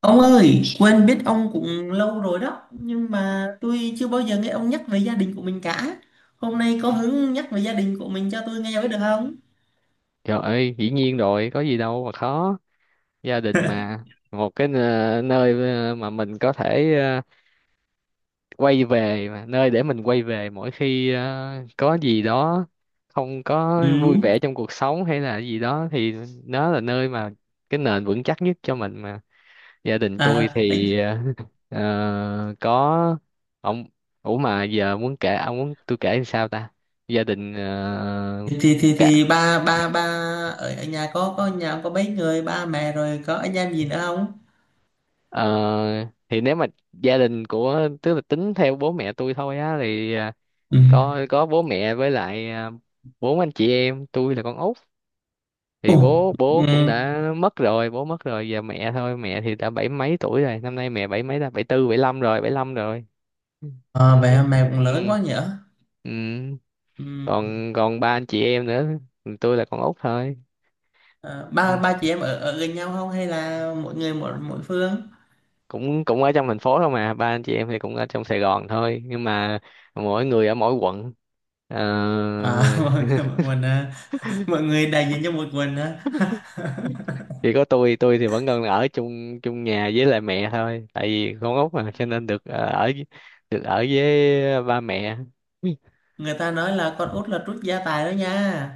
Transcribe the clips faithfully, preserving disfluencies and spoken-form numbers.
Ông ơi, quên biết ông cũng lâu rồi đó, nhưng mà tôi chưa bao giờ nghe ông nhắc về gia đình của mình cả. Hôm nay có hứng nhắc về gia đình của mình cho tôi nghe với được không? Trời ơi, dĩ nhiên rồi, có gì đâu mà khó. Gia đình mà, một cái nơ- nơi ờ, mà mình có thể ờ, quay về mà, nơi để mình quay về mỗi khi ờ, có gì đó không có Ừ. vui vẻ trong cuộc sống hay là gì đó, thì nó là nơi mà cái nền vững chắc nhất cho mình mà. Gia đình tôi À, ấy, thì ờ, ờ, có ông, ủa mà giờ muốn kể, ông muốn tôi kể làm sao ta? Gia đình ờ, thì thì cả. thì ba ba ba ở ở nhà có có nhà có mấy người, ba mẹ rồi có anh em gì nữa không? Ờ, thì nếu mà gia đình của, tức là tính theo bố mẹ tôi thôi á, thì à, Ừ. có có bố mẹ với lại à, bốn anh chị em, tôi là con út. Thì Ồ, bố bố cũng ừ. đã mất rồi, bố mất rồi, giờ mẹ thôi. Mẹ thì đã bảy mấy tuổi rồi, năm nay mẹ bảy mấy, là bảy tư bảy lăm rồi, bảy lăm rồi. À, Ừ. vậy mà mẹ cũng lớn Ừ. quá nhỉ? Ừ. Ừ. còn còn ba anh chị em nữa, tôi là con út thôi. À, ba Ừ. ba chị em ở ở gần nhau không hay là mỗi người một mỗi phương? cũng cũng ở trong thành phố thôi mà, ba anh chị em thì cũng ở trong Sài Gòn thôi, nhưng mà mỗi người ở mỗi quận. Ờ, À, mọi người, mình à. Mọi người đại diện cho một mình á. chỉ có tôi tôi thì vẫn còn ở chung chung nhà với lại mẹ thôi, tại vì con út mà cho nên được ờ, ở, được ở với ba mẹ. Người ta nói là con út là trút gia tài đó nha.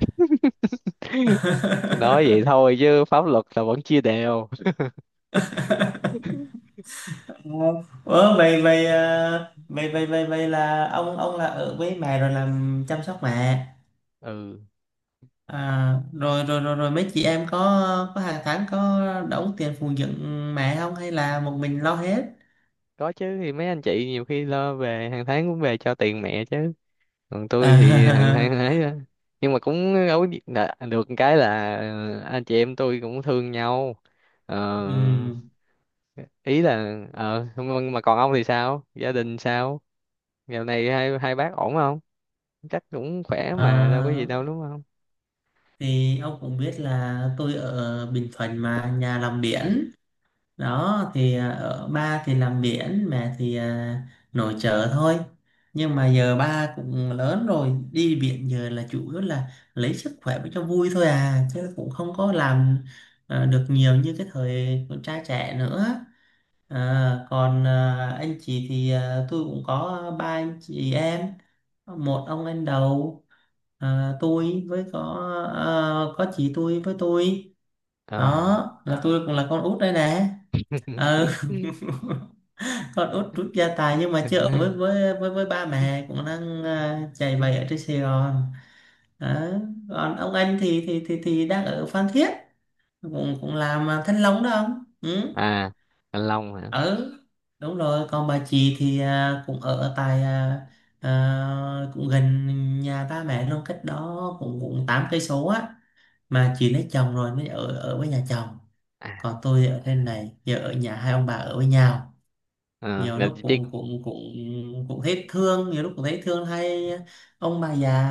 Nói vậy thôi chứ pháp luật là vẫn chia đều. Ủa, vậy vậy à, vậy vậy vậy vậy là ông ông là ở với mẹ rồi làm chăm sóc mẹ. Ừ, À, rồi rồi rồi rồi mấy chị em có có hàng tháng có đóng tiền phụng dưỡng mẹ không hay là một mình lo hết? có chứ, thì mấy anh chị nhiều khi lo, về hàng tháng cũng về cho tiền mẹ chứ, còn tôi thì hàng À, tháng ấy á. Nhưng mà cũng đâu có gì- là- được cái là anh chị em tôi cũng thương nhau. Ờ, ừm, ý là ờ không- mà còn ông thì sao, gia đình sao, dạo này hai hai bác ổn không, chắc cũng khỏe mà đâu có à, gì đâu đúng không? thì ông cũng biết là tôi ở Bình Thuận mà nhà làm biển đó thì, à, ở ba thì làm biển, mẹ thì à, nội trợ thôi, nhưng mà giờ ba cũng lớn rồi, đi biển giờ là chủ yếu là lấy sức khỏe với cho vui thôi à, chứ cũng không có làm à, được nhiều như cái thời con trai trẻ nữa. À, còn à, anh chị thì à, tôi cũng có ba anh chị em, một ông anh đầu, à, tôi với có à, có chị tôi với tôi. Ờ. Đó là tôi cũng là con út đây nè. ờ con út rút gia tài nhưng mà chưa ở với với với, với ba mẹ, cũng đang à, chạy bày ở trên Sài Gòn đó. Còn ông anh thì thì thì thì đang ở Phan Thiết, cũng cũng làm à, thanh long đó ông. Ừ. À, anh Long hả? Ừ, đúng rồi. Còn bà chị thì à, cũng ở tại, à, à, cũng gần nhà ba mẹ luôn, cách đó cũng cũng tám cây số á, mà chị lấy chồng rồi mới ở ở với nhà chồng. À, Còn tôi ở trên này giờ ở nhà hai ông bà ở với nhau, ờ, nhiều là lúc chị Triết. cũng cũng cũng cũng thấy thương, nhiều lúc cũng thấy thương hay ông bà già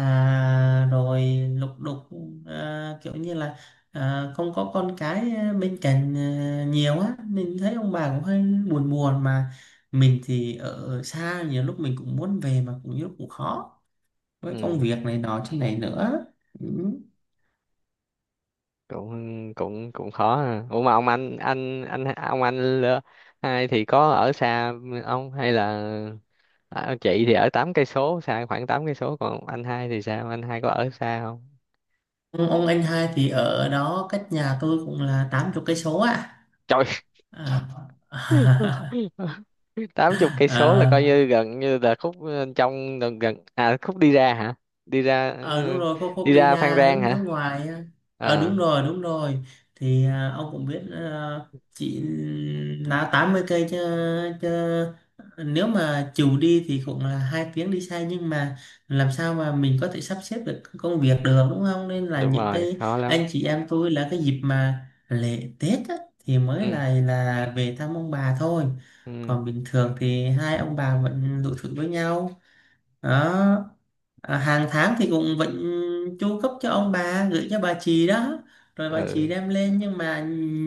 rồi lục đục, à, kiểu như là à, không có con cái bên cạnh à, nhiều á, mình thấy ông bà cũng hơi buồn buồn, mà mình thì ở xa, nhiều lúc mình cũng muốn về mà cũng nhiều lúc cũng khó với công Ừ, việc này nọ thế này nữa. Ừ. cũng cũng cũng khó ha. Ủa mà ông anh anh anh ông anh lơ- hai thì có ở xa ông hay là à, chị thì ở tám cây số, xa khoảng tám cây số, còn anh hai thì sao, anh hai có ở xa không? ông, ông anh hai thì ở đó cách nhà tôi cũng là tám mươi cây số ạ. Trời. à. Tám chục cây số là coi À. như gần, như là khúc ờ, trong gần, gần, à khúc đi ra hả, đi ra. ờ Ừ, Đúng rồi, khúc khúc đi đi ra Phan ra Rang hướng hướng hả? ngoài á. Ờ à, Đúng rồi, đúng rồi. Thì à, ông cũng biết, à, chỉ là tám mươi cây chứ, chứ nếu mà chiều đi thì cũng là hai tiếng đi xe, nhưng mà làm sao mà mình có thể sắp xếp được công việc được đúng không, nên là đúng những rồi, cái khó lắm. anh chị em tôi là cái dịp mà lễ Tết á, thì mới Ừ. là là về thăm ông bà thôi, Ừ. còn bình thường thì hai ông bà vẫn tụ thụ với nhau đó. À, hàng tháng thì cũng vẫn chu cấp cho ông bà, gửi cho bà chị đó rồi bà chị Ừ. đem lên, nhưng mà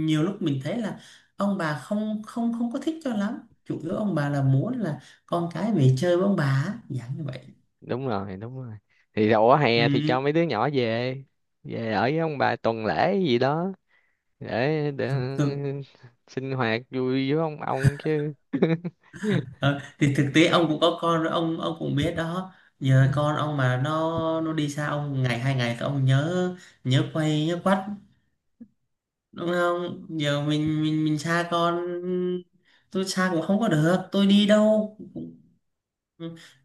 nhiều lúc mình thấy là ông bà không không không có thích cho lắm, chủ yếu ông bà là muốn là con cái về chơi với ông bà á, dạng như vậy. Đúng rồi, đúng rồi, thì đầu hè thì Ừ, cho mấy đứa nhỏ về, về ở với ông bà tuần lễ gì đó, để để ờ, thực, thực, sinh hoạt vui với ông ông chứ. ờ, thì thực tế ông cũng có con rồi, ông ông cũng biết đó, giờ con ông mà nó nó đi xa ông ngày hai ngày thì ông nhớ nhớ quay nhớ quắt, đúng không, giờ mình mình mình xa con, tôi xa cũng không có được, tôi đi đâu cũng-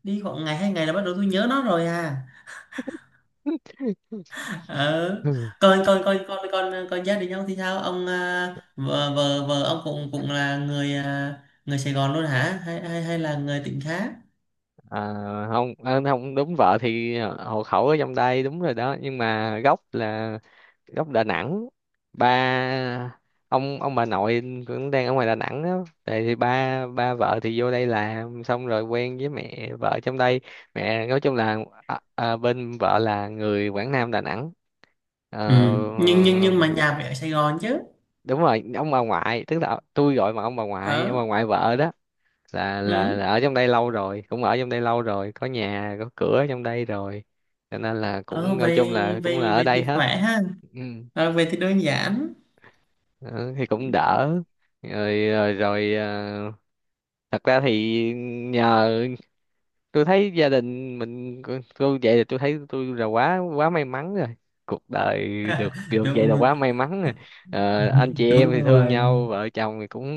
đi khoảng ngày hai ngày là bắt đầu tôi nhớ nó rồi à. ờ Ừ. còn còn còn còn còn còn gia đình ông thì sao ông, à, vợ vợ vợ ông cũng cũng là người à, người Sài Gòn luôn hả, hay hay hay là người tỉnh khác? À, không ờ, không đúng, vợ thì hộ khẩu ở trong đây đúng rồi đó, nhưng mà gốc là gốc Đà Nẵng. Ba, ông ông bà nội cũng đang ở ngoài Đà Nẵng đó, thì, thì ba ba vợ thì vô đây làm, xong rồi quen với mẹ vợ trong đây. Mẹ nói chung là à, à, bên vợ là người Quảng Nam Đà Nẵng. Ờ, Ừ. nhưng nhưng nhưng mà nhà phải ở Sài Gòn chứ. đúng rồi, ông bà ngoại tức là tôi gọi mà, ông bà ngoại, ông ờ bà ngoại vợ đó, là là ừ. là ở trong đây lâu rồi, cũng ở trong đây lâu rồi, có nhà có cửa ở trong đây rồi, cho nên là ờ cũng nói về chung là cũng là về ở về đây thì hết. khỏe ha. Ừ. Ờ, về thì đơn giản. Ờ, thì cũng đỡ. Rồi rồi, rồi ờ, thật ra thì, nhờ, tôi thấy gia đình mình, tôi vậy là tôi thấy tôi là quá quá may mắn rồi, cuộc đời được được vậy là đúng quá may mắn rồi. Ờ, anh chị em đúng thì thương rồi. nhau, vợ chồng thì cũng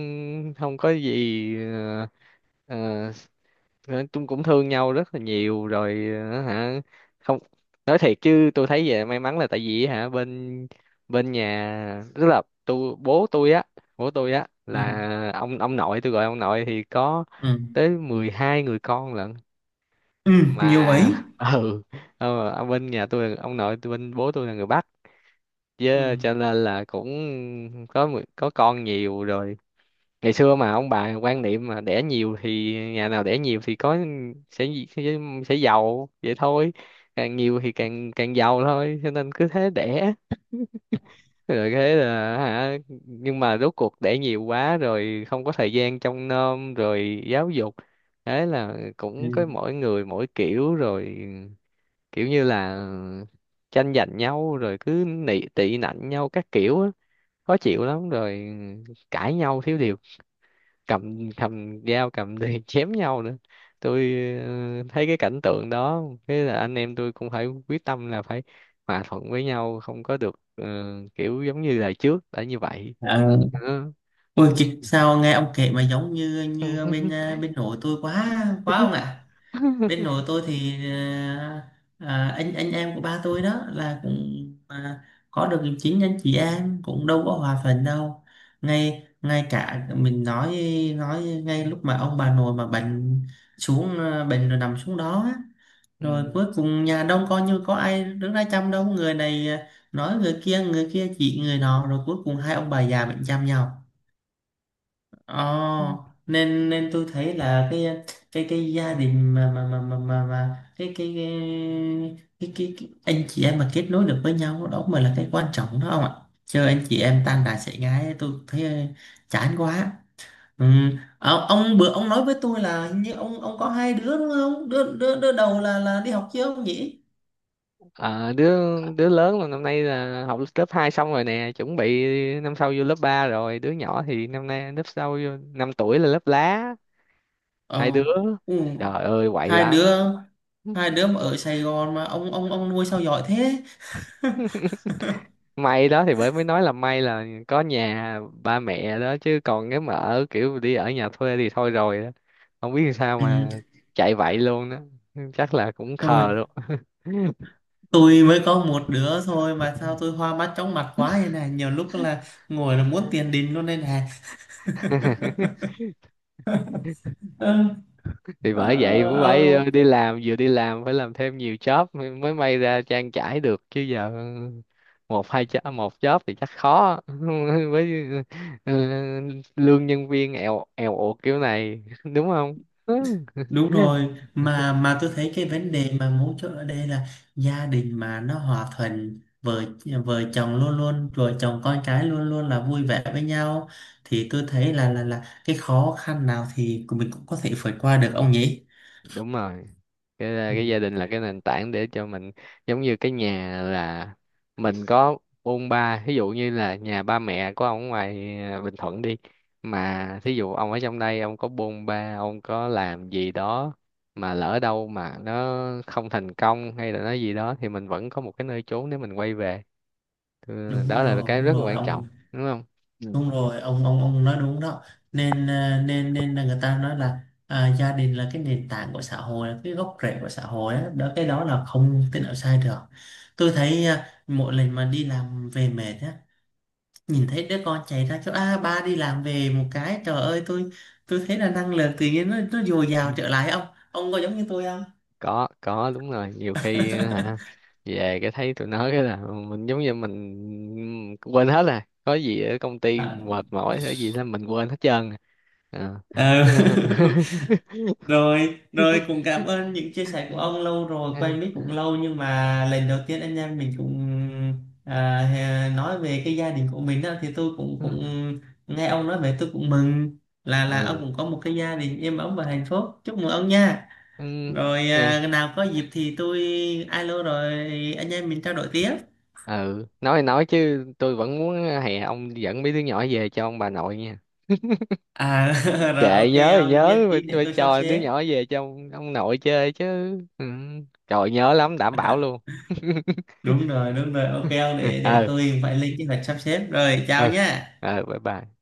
không có gì, ờ, ờ, Ờ, chúng cũng thương nhau rất là nhiều rồi, ờ, hả, không nói thiệt chứ tôi thấy vậy may mắn là tại vì hả, bên bên nhà tức là tôi, bố tôi á, bố tôi á Ừ. là ông, ông nội tôi, gọi ông nội thì có Ừ. tới mười hai người con lận, Ừ, nhiều mà ấy. ừ. Ờ, ở bên nhà tôi, ông nội tôi, bên bố tôi là người Bắc, Ừ. với cho nên là cũng có mười- có con nhiều rồi. Ngày xưa mà ông bà quan niệm mà đẻ nhiều, thì nhà nào đẻ nhiều thì có, sẽ sẽ, sẽ giàu vậy thôi, càng nhiều thì càng càng giàu thôi, cho nên cứ thế đẻ, rồi thế là hả, nhưng mà rốt cuộc đẻ nhiều quá rồi không có thời gian trông nom rồi giáo dục, thế là Ừ. cũng có mỗi người mỗi kiểu rồi, kiểu như là tranh giành nhau rồi cứ nị tị nạnh nhau các kiểu á, khó chịu lắm rồi, cãi nhau thiếu điều cầm cầm dao, cầm thì chém nhau nữa. Tôi ờ, thấy cái cảnh tượng đó, thế là anh em tôi cũng phải quyết tâm là phải hòa thuận với nhau, không có được ờ, kiểu giống như là trước đã như vậy Ờ, nữa. ôi kì- sao nghe ông kể mà giống như như bên, à, bên nội tôi quá quá ông ạ. Bên nội tôi thì, à, à, anh anh em của ba tôi đó là cũng, à, có được chính anh chị em cũng đâu có hòa thuận đâu, ngay ngay cả mình nói nói ngay lúc mà ông bà nội mà bệnh xuống, à, bệnh rồi nằm xuống đó á, rồi Ừ. cuối cùng nhà đông coi như có ai đứng ra chăm đâu, người này à, nói người kia, người kia chỉ người nọ, rồi cuối cùng hai ông bà già bệnh chăm nhau. Ồ, nên nên tôi thấy là cái cái cái gia đình mà mà mà mà mà, mà cái, cái, cái, cái cái cái anh chị em mà kết nối được với nhau đó mới là cái quan trọng đó ông ạ, chứ anh chị em tan đàn xẻ ngái tôi thấy ờ, chán quá. Ừ. Ờ, ông bữa ông nói với tôi là hình như ông ông có hai đứa đúng không, đứa đứa, đứa đầu là là đi học chưa ông nhỉ? Ờ, đứa đứa lớn là năm nay là học lớp hai xong rồi nè, chuẩn bị năm sau vô lớp ba rồi. Đứa nhỏ thì năm nay lớp sau, vô năm tuổi là lớp lá, hai ờ đứa. ừ. Trời ơi, quậy Hai lắm. đứa, hai đứa mà ở Sài Gòn mà ông ông ông nuôi sao giỏi thế. May đó, thì bởi mới nói là may là có nhà ba mẹ đó, chứ còn nếu mà ở kiểu đi ở nhà thuê thì thôi rồi đó. Không biết làm sao Ừ. mà chạy vậy luôn đó, chắc là cũng khờ tôi luôn. tôi mới có một đứa thôi mà sao tôi hoa mắt chóng mặt quá vậy này, nhiều lúc là ngồi là muốn tiền đình luôn đây này. Ừ. Thì Ờ, bởi vậy cũng phải ông. đi làm, vừa đi làm phải làm thêm nhiều job, mới mới may ra trang trải được chứ, giờ một hai job, một job thì chắc khó. Với, ừ, lương nhân viên eo eo uột kiểu này đúng không? Đúng rồi, mà mà tôi thấy cái vấn đề mà mấu chốt ở đây là gia đình mà nó hòa thuận, vợ vợ chồng luôn luôn, vợ chồng con cái luôn luôn là vui vẻ với nhau thì tôi thấy là là là cái khó khăn nào thì mình cũng có thể vượt qua được ông nhỉ? Đúng rồi, cái ờ, Ừ, cái gia đình là cái nền tảng để cho mình, giống như cái nhà là mình có bôn ba, ví dụ như là nhà ba mẹ của ông ở ngoài à, Bình Thuận đi, mà thí dụ ông ở trong đây, ông có bôn ba, ông có làm gì đó mà lỡ đâu mà nó không thành công hay là nói gì đó, thì mình vẫn có một cái nơi chốn để mình quay về. Ừ, đúng đó là rồi, cái đúng rất là rồi quan trọng, ông. đúng không? Ừ. Đúng rồi ông, ông ông nói đúng đó, nên à, nên nên là người ta nói là à, gia đình là cái nền tảng của xã hội, là cái gốc rễ của xã hội á đó, cái đó là không thể nào sai được. Tôi thấy à, mỗi lần mà đi làm về mệt á, nhìn thấy đứa con chạy ra kêu a ba đi làm về một cái, trời ơi tôi tôi thấy là năng lượng tự nhiên nó nó dồi dào trở lại, ông ông có giống như tôi không? có có đúng rồi, nhiều khi hả, về cái thấy tụi nó cái là mình giống như mình quên hết rồi, có gì ở công ty mệt mỏi hay gì là mình quên hết trơn. À. Ờ. Rồi, rồi cũng cảm ơn những chia sẻ của ông, lâu rồi, Ừ. quen biết cũng lâu nhưng mà lần đầu tiên anh em mình cũng à, hè- nói về cái gia đình của mình á, thì tôi cũng cũng nghe ông nói về, tôi cũng mừng là là ông Ừ. cũng có một cái gia đình êm ấm và hạnh phúc. Chúc mừng ông nha. Rồi Ừ. à, nào có dịp thì tôi alo rồi anh em mình trao đổi tiếp. Ừ, nói thì nói chứ tôi vẫn muốn hè ông dẫn mấy đứa nhỏ về cho ông bà nội nha, À rồi kệ, ok, nhớ thì ông nhất nhớ, phải, trí để phải tôi sắp cho đứa xếp. nhỏ về cho ông, ông nội chơi chứ. Ừ. Trời nhớ lắm đảm bảo luôn. Đúng rồi, đúng rồi. Ok ông, để để Ờ. tôi phải lên kế hoạch sắp xếp. Rồi chào Ờ. nha. Ờ, bye bye.